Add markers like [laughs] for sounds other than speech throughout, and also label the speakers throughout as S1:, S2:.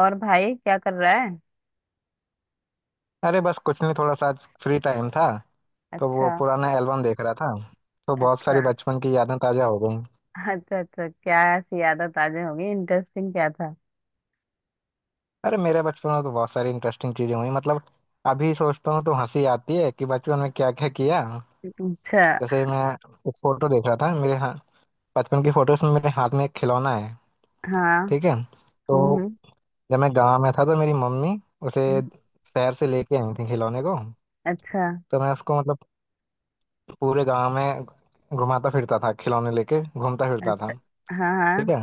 S1: और भाई क्या कर रहा है।
S2: अरे बस कुछ नहीं, थोड़ा सा आज फ्री टाइम था। तो वो
S1: अच्छा
S2: पुराना एल्बम देख रहा था। तो बहुत
S1: अच्छा।
S2: सारी बचपन की यादें ताजा हो गई।
S1: अच्छा अच्छा, क्या ऐसी आदत आज होगी? इंटरेस्टिंग क्या था?
S2: अरे मेरे बचपन में तो बहुत सारी इंटरेस्टिंग चीजें हुई मतलब। अभी सोचता हूँ तो हंसी आती है कि बचपन में क्या क्या किया।
S1: अच्छा।
S2: जैसे मैं एक फोटो देख रहा था मेरे हाथ। बचपन की फोटोज में मेरे हाथ में एक खिलौना है।
S1: हाँ।
S2: ठीक है। तो
S1: हम्म।
S2: जब मैं गाँव में था तो मेरी मम्मी उसे
S1: हम्म,
S2: शहर से लेके आई थी खिलौने को।
S1: अच्छा
S2: तो मैं उसको मतलब पूरे गाँव में घुमाता फिरता था, खिलौने लेके घूमता फिरता था।
S1: अच्छा। हाँ
S2: ठीक
S1: हाँ।
S2: है।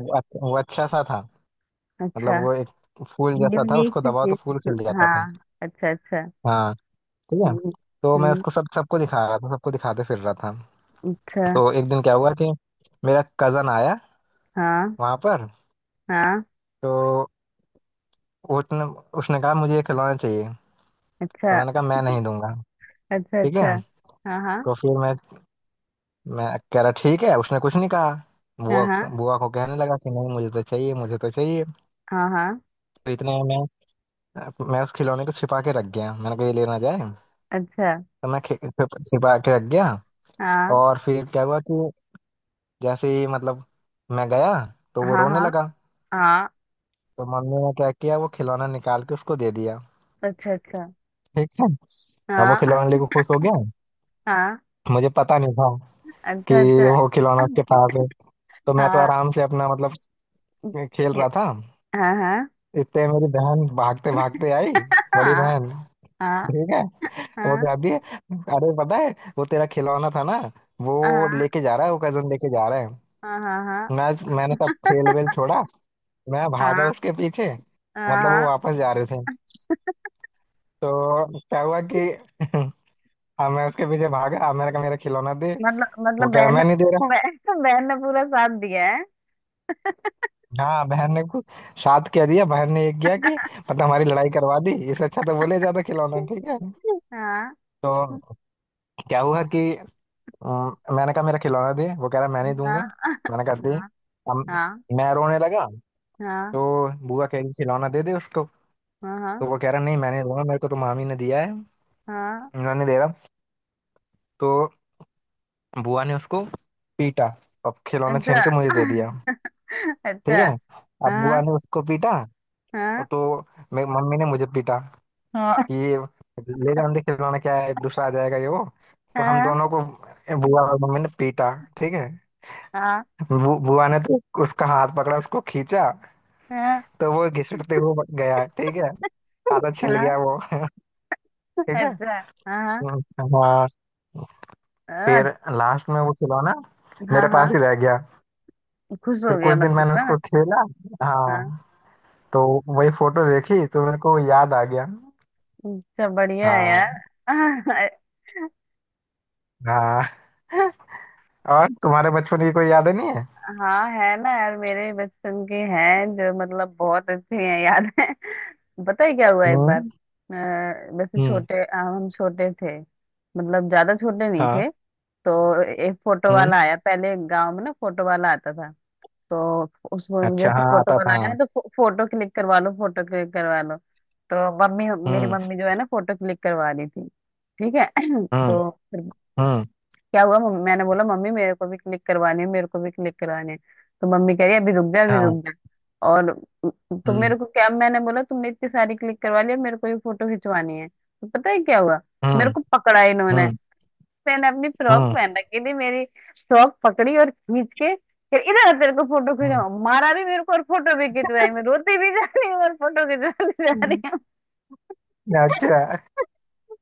S2: वो अच्छा सा था। मतलब
S1: अच्छा।
S2: वो एक फूल जैसा था,
S1: यूनिक
S2: उसको
S1: सी
S2: दबाओ तो फूल
S1: चीज।
S2: खिल जाता था।
S1: हाँ। अच्छा अच्छा।
S2: हाँ। ठीक है।
S1: हम्म।
S2: तो मैं
S1: हम्म,
S2: उसको सब सबको दिखा रहा था, सबको दिखाते फिर रहा था।
S1: अच्छा।
S2: तो एक दिन क्या हुआ कि मेरा कजन आया
S1: हाँ
S2: वहां पर।
S1: हाँ।
S2: तो उसने उसने कहा मुझे ये खिलौना चाहिए। तो
S1: अच्छा
S2: मैंने कहा मैं नहीं दूंगा।
S1: अच्छा।
S2: ठीक है।
S1: अच्छा। हाँ हाँ।
S2: तो फिर मैं कह रहा ठीक है, उसने कुछ नहीं कहा।
S1: हाँ।
S2: बुआ
S1: हाँ
S2: बुआ को कहने लगा कि नहीं मुझे तो चाहिए, मुझे तो चाहिए।
S1: हाँ। हाँ।
S2: तो इतने में मैं उस खिलौने को छिपा के रख गया, मैंने कहा ये लेना जाए।
S1: अच्छा।
S2: तो मैं छिपा के रख गया।
S1: हाँ
S2: और फिर क्या हुआ कि जैसे ही मतलब मैं गया तो वो
S1: हाँ।
S2: रोने
S1: हाँ।
S2: लगा।
S1: हाँ।
S2: तो मम्मी ने क्या किया, वो खिलौना निकाल के उसको दे दिया।
S1: अच्छा अच्छा।
S2: ठीक है। अब वो
S1: हाँ
S2: खिलौना लेके खुश हो गया।
S1: हाँ।
S2: मुझे पता नहीं था कि
S1: अच्छा अच्छा।
S2: वो खिलौना उसके पास है। तो मैं तो
S1: हाँ
S2: आराम से अपना मतलब खेल रहा था।
S1: हाँ हाँ।
S2: इतने मेरी बहन भागते भागते आई। बड़ी
S1: हाँ।
S2: बहन।
S1: हाँ।
S2: ठीक है। वो
S1: हाँ
S2: कहती है अरे पता है वो तेरा खिलौना था ना, वो
S1: हाँ।
S2: लेके जा रहा है, वो कजन लेके जा रहा है।
S1: हाँ। हाँ।
S2: मैं मैंने सब खेल वेल छोड़ा। मैं भागा उसके पीछे।
S1: हाँ।
S2: मतलब वो
S1: हाँ।
S2: वापस जा रहे थे। तो क्या हुआ कि [laughs] हाँ, मैं उसके पीछे भागा। अब मैंने कहा मेरा खिलौना दे,
S1: मतलब
S2: वो
S1: मतलब
S2: कह रहा
S1: बहन ने
S2: मैं नहीं दे रहा।
S1: बहन बहन ने [laughs] पूरा साथ दिया है।
S2: हाँ बहन ने कुछ साथ क्या दिया, बहन ने ये किया कि मतलब हमारी लड़ाई करवा दी, इससे अच्छा तो बोले जाता खिलौना। ठीक है।
S1: हाँ।
S2: तो क्या हुआ कि मैंने कहा मेरा खिलौना दे, वो कह रहा मैं नहीं
S1: हाँ।
S2: दूंगा। मैंने कहा दे।
S1: हाँ।
S2: अब मैं रोने लगा।
S1: हाँ।
S2: तो बुआ कह रही खिलौना दे दे उसको।
S1: हाँ। हाँ।
S2: तो वो कह रहा नहीं मैं नहीं दूंगा, मेरे को तो मामी ने दिया है।
S1: हाँ।
S2: उन्होंने दे रहा। तो बुआ ने उसको पीटा, अब खिलौना छीन
S1: अच्छा।
S2: के मुझे दे दिया। ठीक
S1: अच्छा।
S2: है। अब बुआ
S1: हाँ।
S2: ने उसको पीटा।
S1: हाँ।
S2: और तो मम्मी ने मुझे पीटा।
S1: हाँ।
S2: कि ये ले जाने दे खिलौना, क्या है, दूसरा आ जाएगा ये वो। तो हम
S1: हाँ।
S2: दोनों को बुआ और मम्मी ने पीटा। ठीक है।
S1: हाँ।
S2: बुआ ने तो उसका हाथ पकड़ा, उसको खींचा।
S1: हाँ।
S2: तो वो घिसटते हुए गया। ठीक है। आधा छिल
S1: हाँ।
S2: गया वो। ठीक है।
S1: अच्छा। हाँ।
S2: हम्म, हाँ। फिर
S1: हाँ।
S2: लास्ट में वो खिलौना
S1: हाँ।
S2: मेरे
S1: हाँ।
S2: पास ही रह गया।
S1: खुश हो
S2: फिर
S1: गया
S2: कुछ दिन
S1: मतलब,
S2: मैंने
S1: हाँ।
S2: उसको खेला।
S1: हाँ।
S2: हाँ। तो वही फोटो देखी तो मेरे को याद आ गया।
S1: अच्छा, बढ़िया है
S2: हाँ
S1: यार। [laughs]
S2: हाँ। और तुम्हारे बचपन की कोई यादें नहीं है।
S1: हाँ है ना यार, मेरे बचपन के हैं जो मतलब बहुत अच्छे हैं, याद है। [laughs] पता है क्या हुआ? एक बार
S2: हम्म।
S1: वैसे
S2: हम्म।
S1: छोटे, हम छोटे थे, मतलब ज्यादा छोटे नहीं
S2: हाँ।
S1: थे। तो एक फोटो
S2: हम्म।
S1: वाला आया, पहले गांव में ना फोटो वाला आता था। तो उसमें
S2: अच्छा।
S1: जैसे
S2: हाँ
S1: फोटो
S2: आता था
S1: वाला आया ना,
S2: हाँ।
S1: तो फोटो क्लिक करवा लो, फोटो क्लिक करवा लो। तो मम्मी, मेरी
S2: हम्म।
S1: मम्मी जो है ना, फोटो क्लिक करवा रही थी। ठीक है। [clears throat]
S2: हम्म।
S1: तो फिर
S2: हम्म।
S1: क्या हुआ, मम्मी, मैंने बोला मम्मी मेरे को भी क्लिक करवाने हैं, मेरे को भी क्लिक करवाने हैं। तो मम्मी कह रही अभी रुक जा, अभी
S2: हाँ।
S1: रुक जा। और तो
S2: हम्म।
S1: मेरे को क्या, मैंने बोला तुमने इतनी सारी क्लिक करवा लिया, मेरे को ये फोटो खिंचवानी है। तो पता है क्या हुआ, मेरे
S2: हम्म।
S1: को पकड़ा इन्होंने।
S2: हम्म।
S1: मैंने अपनी फ्रॉक
S2: हम्म।
S1: पहन रखी थी, मेरी फ्रॉक पकड़ी और खींच के फिर इधर आ, तेरे को फोटो
S2: हम्म,
S1: खिंचवा, मारा भी मेरे को और फोटो भी खिंचवाई। मैं रोती भी जा रही हूँ और फोटो खिंचवाती जा रही।
S2: हम्म, अच्छा।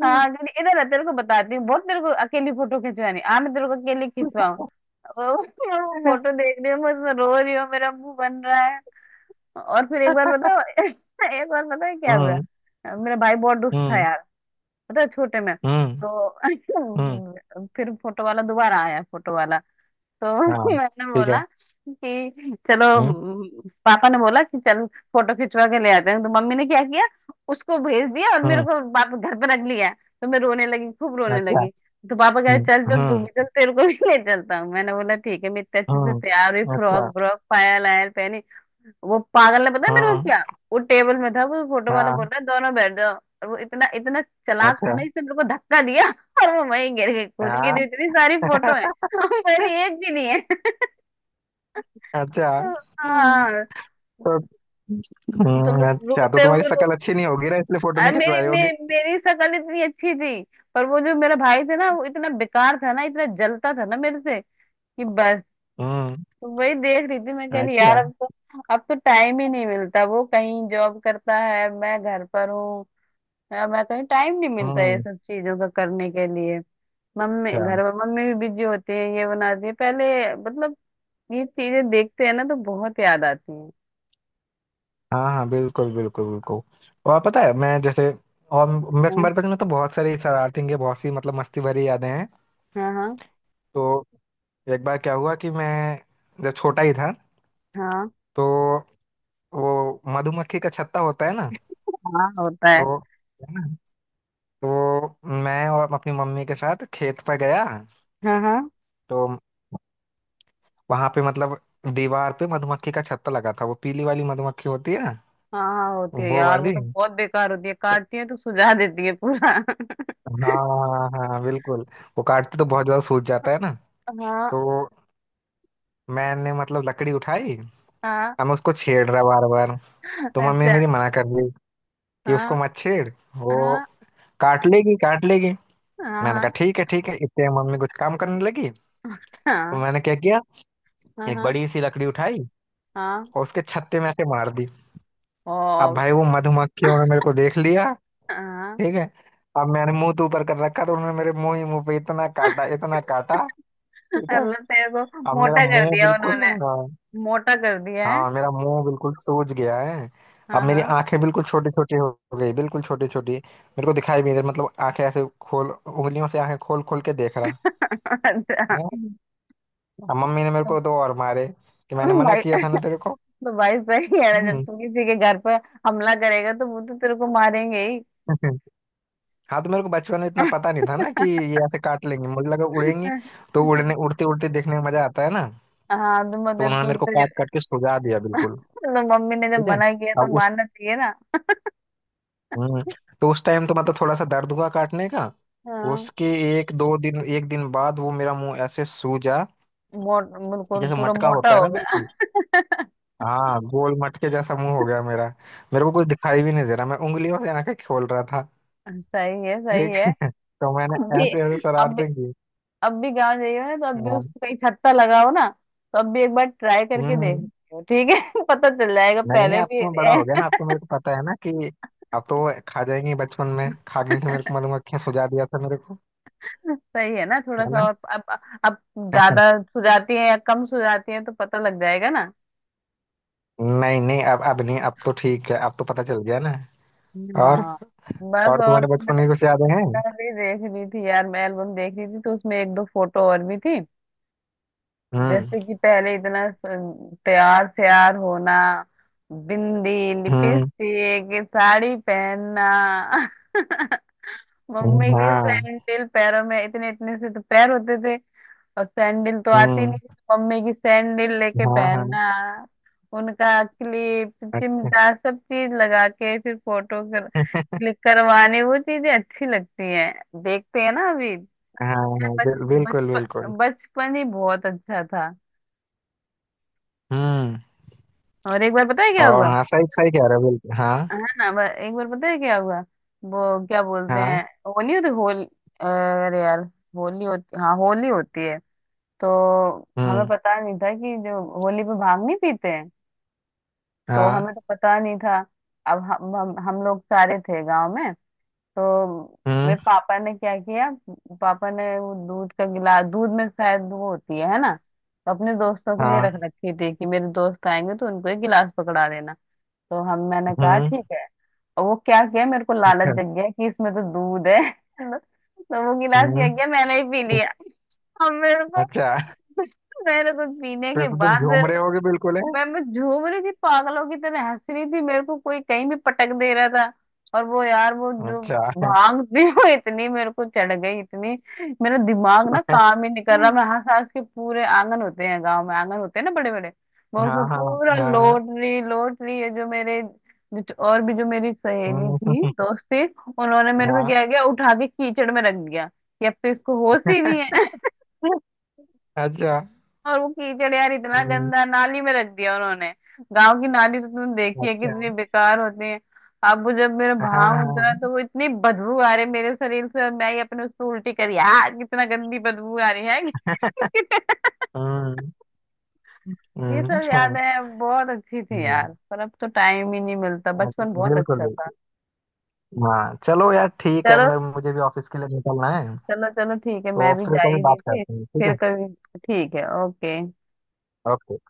S2: हम्म।
S1: हाँ, क्योंकि इधर आ, तेरे को बताती हूँ बहुत, तेरे को अकेली फोटो खिंचवानी आ, मैं तेरे को अकेली खिंचवाऊँ। वो फोटो देख रही हूँ, मैं उसमें रो रही हूँ, मेरा मुंह बन रहा है। और फिर एक बार बताओ, [laughs] एक बार पता है क्या हुआ।
S2: हम्म।
S1: मेरा भाई बहुत दुष्ट था
S2: हम्म।
S1: यार, पता है छोटे में।
S2: हम्म।
S1: तो [laughs] फिर फोटो वाला दोबारा आया, फोटो वाला। तो
S2: हाँ।
S1: [laughs] मैंने
S2: ठीक है।
S1: बोला कि
S2: हम्म।
S1: पापा ने बोला कि चल फोटो खिंचवा के ले आते हैं। तो मम्मी ने क्या किया, उसको भेज दिया और मेरे
S2: हम्म।
S1: को पापा घर पे रख लिया। तो मैं रोने लगी, खूब रोने
S2: अच्छा।
S1: लगी। तो पापा कह रहे
S2: हम्म।
S1: चल चल, तू
S2: हम्म।
S1: भी चल, तेरे को भी [laughs] ले चलता हूँ। मैंने बोला ठीक है, मैं इतने अच्छे से
S2: हम्म,
S1: तैयार हुई, फ्रॉक
S2: अच्छा।
S1: ब्रॉक पायल आयल पहनी। वो पागल ने पता है मेरे को
S2: हम्म।
S1: क्या, वो टेबल में था, वो फोटो वाला बोल
S2: हाँ।
S1: रहा है दोनों बैठ जाओ। और वो इतना इतना चालाक था
S2: अच्छा।
S1: ना, इसने मेरे को धक्का दिया, और वो वहीं गिर गई खुद की। तो
S2: हाँ।
S1: इतनी सारी फोटो है, मेरी
S2: [laughs]
S1: एक भी नहीं है।
S2: अच्छा। हम्म,
S1: हाँ।
S2: तो
S1: तुम
S2: अच्छा, तो
S1: रोते
S2: तुम्हारी
S1: हुए रो,
S2: शक्ल अच्छी नहीं होगी ना, इसलिए फोटो नहीं
S1: अरे मेरी
S2: खिंचवाई होगी।
S1: मेरी शक्ल इतनी अच्छी थी। पर वो जो मेरा भाई था ना, वो इतना बेकार था ना, इतना जलता था ना मेरे से, कि बस।
S2: हम्म।
S1: तो वही देख रही थी, मैं कह रही यार
S2: अच्छा।
S1: अब तो, अब तो टाइम ही नहीं मिलता। वो कहीं जॉब करता है, मैं घर पर हूँ। मैं कहीं टाइम नहीं मिलता ये
S2: हम्म।
S1: सब चीजों का करने के लिए। मम्मी
S2: अच्छा।
S1: घर पर, मम्मी भी बिजी होती है, ये बनाती है पहले, मतलब ये चीजें देखते हैं ना तो बहुत याद आती है।
S2: हाँ हाँ बिल्कुल बिल्कुल बिल्कुल। और पता है मैं जैसे और मैं तुम्हारे पास में तो बहुत सारी शरारतें की, बहुत सी मतलब मस्ती भरी यादें हैं।
S1: हाँ हाँ हाँ।
S2: तो एक बार क्या हुआ कि मैं जब छोटा ही था।
S1: हाँ,
S2: तो वो मधुमक्खी का छत्ता होता है ना।
S1: हाँ होता है।
S2: तो है ना। तो मैं और अपनी मम्मी के साथ खेत पर गया।
S1: हाँ हाँ
S2: तो वहां पे मतलब दीवार पे मधुमक्खी का छत्ता लगा था, वो पीली वाली मधुमक्खी होती है ना।
S1: हाँ, हाँ होती है
S2: वो
S1: यार, वो
S2: वाली।
S1: तो बहुत बेकार होती है, काटती है तो सुझा देती है पूरा।
S2: हाँ। हाँ हाँ, बिल्कुल। वो काटते तो बहुत ज्यादा सूज जाता है ना।
S1: [laughs] हाँ।
S2: तो मैंने मतलब लकड़ी उठाई।
S1: हाँ।
S2: अब मैं उसको छेड़ रहा बार बार। तो मम्मी
S1: अच्छा।
S2: मेरी मना कर रही कि उसको
S1: हाँ।
S2: मत छेड़। वो
S1: हाँ।
S2: काट लेगी काट लेगी। मैंने कहा
S1: हाँ।
S2: ठीक है ठीक है, इतने में मम्मी कुछ काम करने लगी। तो
S1: हाँ।
S2: मैंने क्या किया,
S1: हाँ।
S2: एक
S1: हाँ।
S2: बड़ी सी लकड़ी उठाई
S1: हाँ।
S2: और उसके छत्ते में ऐसे मार दी। अब
S1: और।
S2: भाई वो मधुमक्खियों ने मेरे को देख लिया।
S1: हाँ।
S2: ठीक है। अब मैंने मुंह तो ऊपर कर रखा, तो उन्होंने मेरे मुंह ही मुंह पे इतना काटा
S1: [laughs]
S2: इतना काटा। ठीक है।
S1: अल्लाह तेरे को
S2: अब मेरा
S1: मोटा कर
S2: मुंह
S1: दिया
S2: बिल्कुल
S1: उन्होंने।
S2: है ना।
S1: मोटा कर दिया है।
S2: हाँ मेरा मुंह बिल्कुल सूज गया है। अब
S1: हाँ
S2: मेरी
S1: हाँ।
S2: आंखें बिल्कुल छोटी छोटी हो गई, बिल्कुल छोटी छोटी, मेरे को दिखाई भी नहीं मतलब आंखें ऐसे खोल, उंगलियों से आंखें खोल खोल के देख रहा
S1: [laughs] अच्छा।
S2: हैं? अब मम्मी ने मेरे को दो और मारे कि
S1: तो
S2: मैंने मना किया
S1: भाई,
S2: था ना तेरे को।
S1: तो भाई सही है ना, जब
S2: हम्म।
S1: तू किसी के घर पर हमला करेगा तो वो तो तेरे को मारेंगे ही।
S2: [laughs] हाँ तो मेरे को बचपन में इतना पता नहीं था ना कि ये ऐसे काट लेंगे, मुझे लगा उड़ेंगी। तो उड़ने
S1: [laughs]
S2: उड़ते उड़ते देखने में मजा आता है ना।
S1: हाँ तो
S2: तो
S1: मतलब
S2: उन्होंने मेरे को काट काट के
S1: तो,
S2: सुझा दिया
S1: [laughs]
S2: बिल्कुल।
S1: तो मम्मी ने जब
S2: ठीक है।
S1: मना किया तो
S2: अब उस
S1: मानना चाहिए ना।
S2: हम्म, तो उस टाइम तो मतलब थोड़ा सा दर्द हुआ काटने का।
S1: हाँ,
S2: उसके एक दो दिन, एक दिन बाद वो मेरा मुंह ऐसे सूजा,
S1: मोट
S2: कि
S1: बिल्कुल
S2: जैसे
S1: पूरा
S2: मटका
S1: मोटा
S2: होता है
S1: हो
S2: ना,
S1: गया।
S2: बिल्कुल।
S1: [laughs]
S2: हाँ गोल मटके जैसा मुंह हो गया मेरा। मेरे को कुछ दिखाई भी नहीं दे रहा, मैं उंगलियों से आंखें खोल रहा था।
S1: सही है, सही
S2: ठीक
S1: है।
S2: है? [laughs] तो मैंने
S1: अब भी,
S2: ऐसे ऐसे
S1: अब भी,
S2: शरारतें की।
S1: अब भी गाँव जाइए ना, तो अब भी
S2: हाँ,
S1: उसको कहीं छत्ता लगाओ ना, तो अब भी एक बार ट्राई करके देख
S2: हम्म।
S1: लियो, ठीक है। [laughs] पता चल जाएगा
S2: नहीं नहीं,
S1: पहले
S2: अब
S1: भी।
S2: तो मैं बड़ा हो गया ना, अब तो मेरे को पता है ना कि अब तो वो खा जाएंगी, बचपन में खा गई थी मेरे को
S1: [laughs]
S2: मधुमक्खियां, सुझा दिया था मेरे को,
S1: सही है ना, थोड़ा
S2: है
S1: सा
S2: ना।
S1: और अब ज्यादा सुझाती है या कम सुझाती है तो पता लग जाएगा ना।
S2: [laughs] नहीं नहीं, अब नहीं, अब तो ठीक है, अब तो पता चल गया ना। और
S1: हाँ। बस
S2: और
S1: और,
S2: तुम्हारे बचपन
S1: मैं
S2: की कुछ यादें हैं।
S1: भी देख रही थी यार, मैं एल्बम देख रही थी तो उसमें एक दो फोटो और भी थी।
S2: हम्म।
S1: जैसे कि पहले इतना तैयार श्यार होना, बिंदी,
S2: हम्म।
S1: लिपस्टिक, साड़ी पहनना। [laughs] मम्मी की
S2: हाँ।
S1: सैंडल, पैरों में इतने इतने से तो पैर होते थे और सैंडल तो आती
S2: हम्म।
S1: नहीं थी, तो मम्मी की सैंडल लेके
S2: हाँ हाँ।
S1: पहनना, उनका क्लिप
S2: [laughs]
S1: चिमटा सब चीज लगा के फिर फोटो कर,
S2: अच्छा।
S1: क्लिक करवाने। वो चीजें अच्छी लगती हैं देखते हैं ना अभी।
S2: हाँ हाँ
S1: बच
S2: बिल्कुल बिल्कुल।
S1: बचपन, बचपन ही बहुत अच्छा था।
S2: हम्म।
S1: और एक बार पता है क्या
S2: और
S1: हुआ,
S2: हाँ सही सही कह रहे हो बिल्कुल हाँ।
S1: है ना, एक बार पता है क्या हुआ। वो क्या बोलते
S2: हाँ।
S1: हैं वो, नहीं होती होली, अरे यार होली, होती हाँ होली होती है। तो हमें
S2: हम्म।
S1: पता नहीं था कि जो होली पे भांग नहीं पीते हैं, तो
S2: हाँ।
S1: हमें तो पता नहीं था। अब हम लोग सारे थे गांव में। तो
S2: हम्म।
S1: मेरे पापा ने क्या किया, पापा ने वो दूध का गिलास, दूध में शायद वो होती है ना, तो अपने दोस्तों के लिए रख
S2: हाँ।
S1: रखी थी कि मेरे दोस्त आएंगे तो उनको एक गिलास पकड़ा देना। तो हम, मैंने कहा
S2: हम्म।
S1: ठीक है। और वो क्या किया, मेरे को
S2: अच्छा।
S1: लालच जग गया कि इसमें तो दूध है। [laughs] तो वो गिलास क्या
S2: हम्म।
S1: किया, मैंने ही पी लिया। अब मेरे को,
S2: अच्छा।
S1: [laughs] मेरे को पीने
S2: फिर
S1: के
S2: तो तुम
S1: बाद
S2: झूम
S1: मेरे
S2: रहे
S1: को,
S2: होगे बिल्कुल है।
S1: मैं झूम रही थी, पागलों की तरह हंस रही थी, मेरे को कोई कहीं भी पटक दे रहा था। और वो यार वो जो
S2: अच्छा।
S1: भांग [laughs] थी वो इतनी मेरे को चढ़ गई, इतनी मेरा दिमाग ना
S2: [laughs]
S1: काम ही नहीं कर रहा, मैं हंस हंस के पूरे आंगन, होते हैं गांव में आंगन होते हैं ना बड़े बड़े, मैं
S2: हाँ
S1: उसमें
S2: हाँ
S1: पूरा
S2: हाँ हाँ,
S1: लौट रही, लौट रही है जो मेरे, जो- और भी जो मेरी सहेली
S2: हम्म,
S1: थी, दोस्त थी, उन्होंने
S2: [laughs]
S1: मेरे को
S2: हाँ।
S1: क्या किया उठा के कीचड़ में रख दिया कि अब तो इसको होश ही नहीं है।
S2: अच्छा।
S1: और वो कीचड़ यार इतना
S2: हम्म,
S1: गंदा नाली में रख दिया उन्होंने, गांव की नाली तो तुमने देखी है
S2: अच्छा।
S1: कितनी बेकार होती है। अब वो जब मेरा
S2: हाँ
S1: भाव उतरा,
S2: हाँ।
S1: तो वो इतनी बदबू आ रही मेरे शरीर से, और मैं ही अपने उसको उल्टी करी यार, कितना गंदी बदबू आ रही है। [laughs]
S2: हम्म।
S1: ये
S2: [laughs]
S1: सब
S2: अच्छा,
S1: यादें बहुत अच्छी थी
S2: हम्म,
S1: यार, पर अब तो टाइम ही नहीं मिलता, बचपन बहुत
S2: बिल्कुल
S1: अच्छा था।
S2: बिल्कुल। हाँ चलो यार ठीक है,
S1: चलो,
S2: मैं मुझे भी ऑफिस के लिए निकलना है।
S1: चलो चलो ठीक है, मैं
S2: तो
S1: भी
S2: फिर
S1: जा
S2: कभी
S1: ही रही
S2: बात
S1: थी।
S2: करते हैं, ठीक
S1: फिर
S2: है।
S1: कभी, ठीक है ओके।
S2: ओके।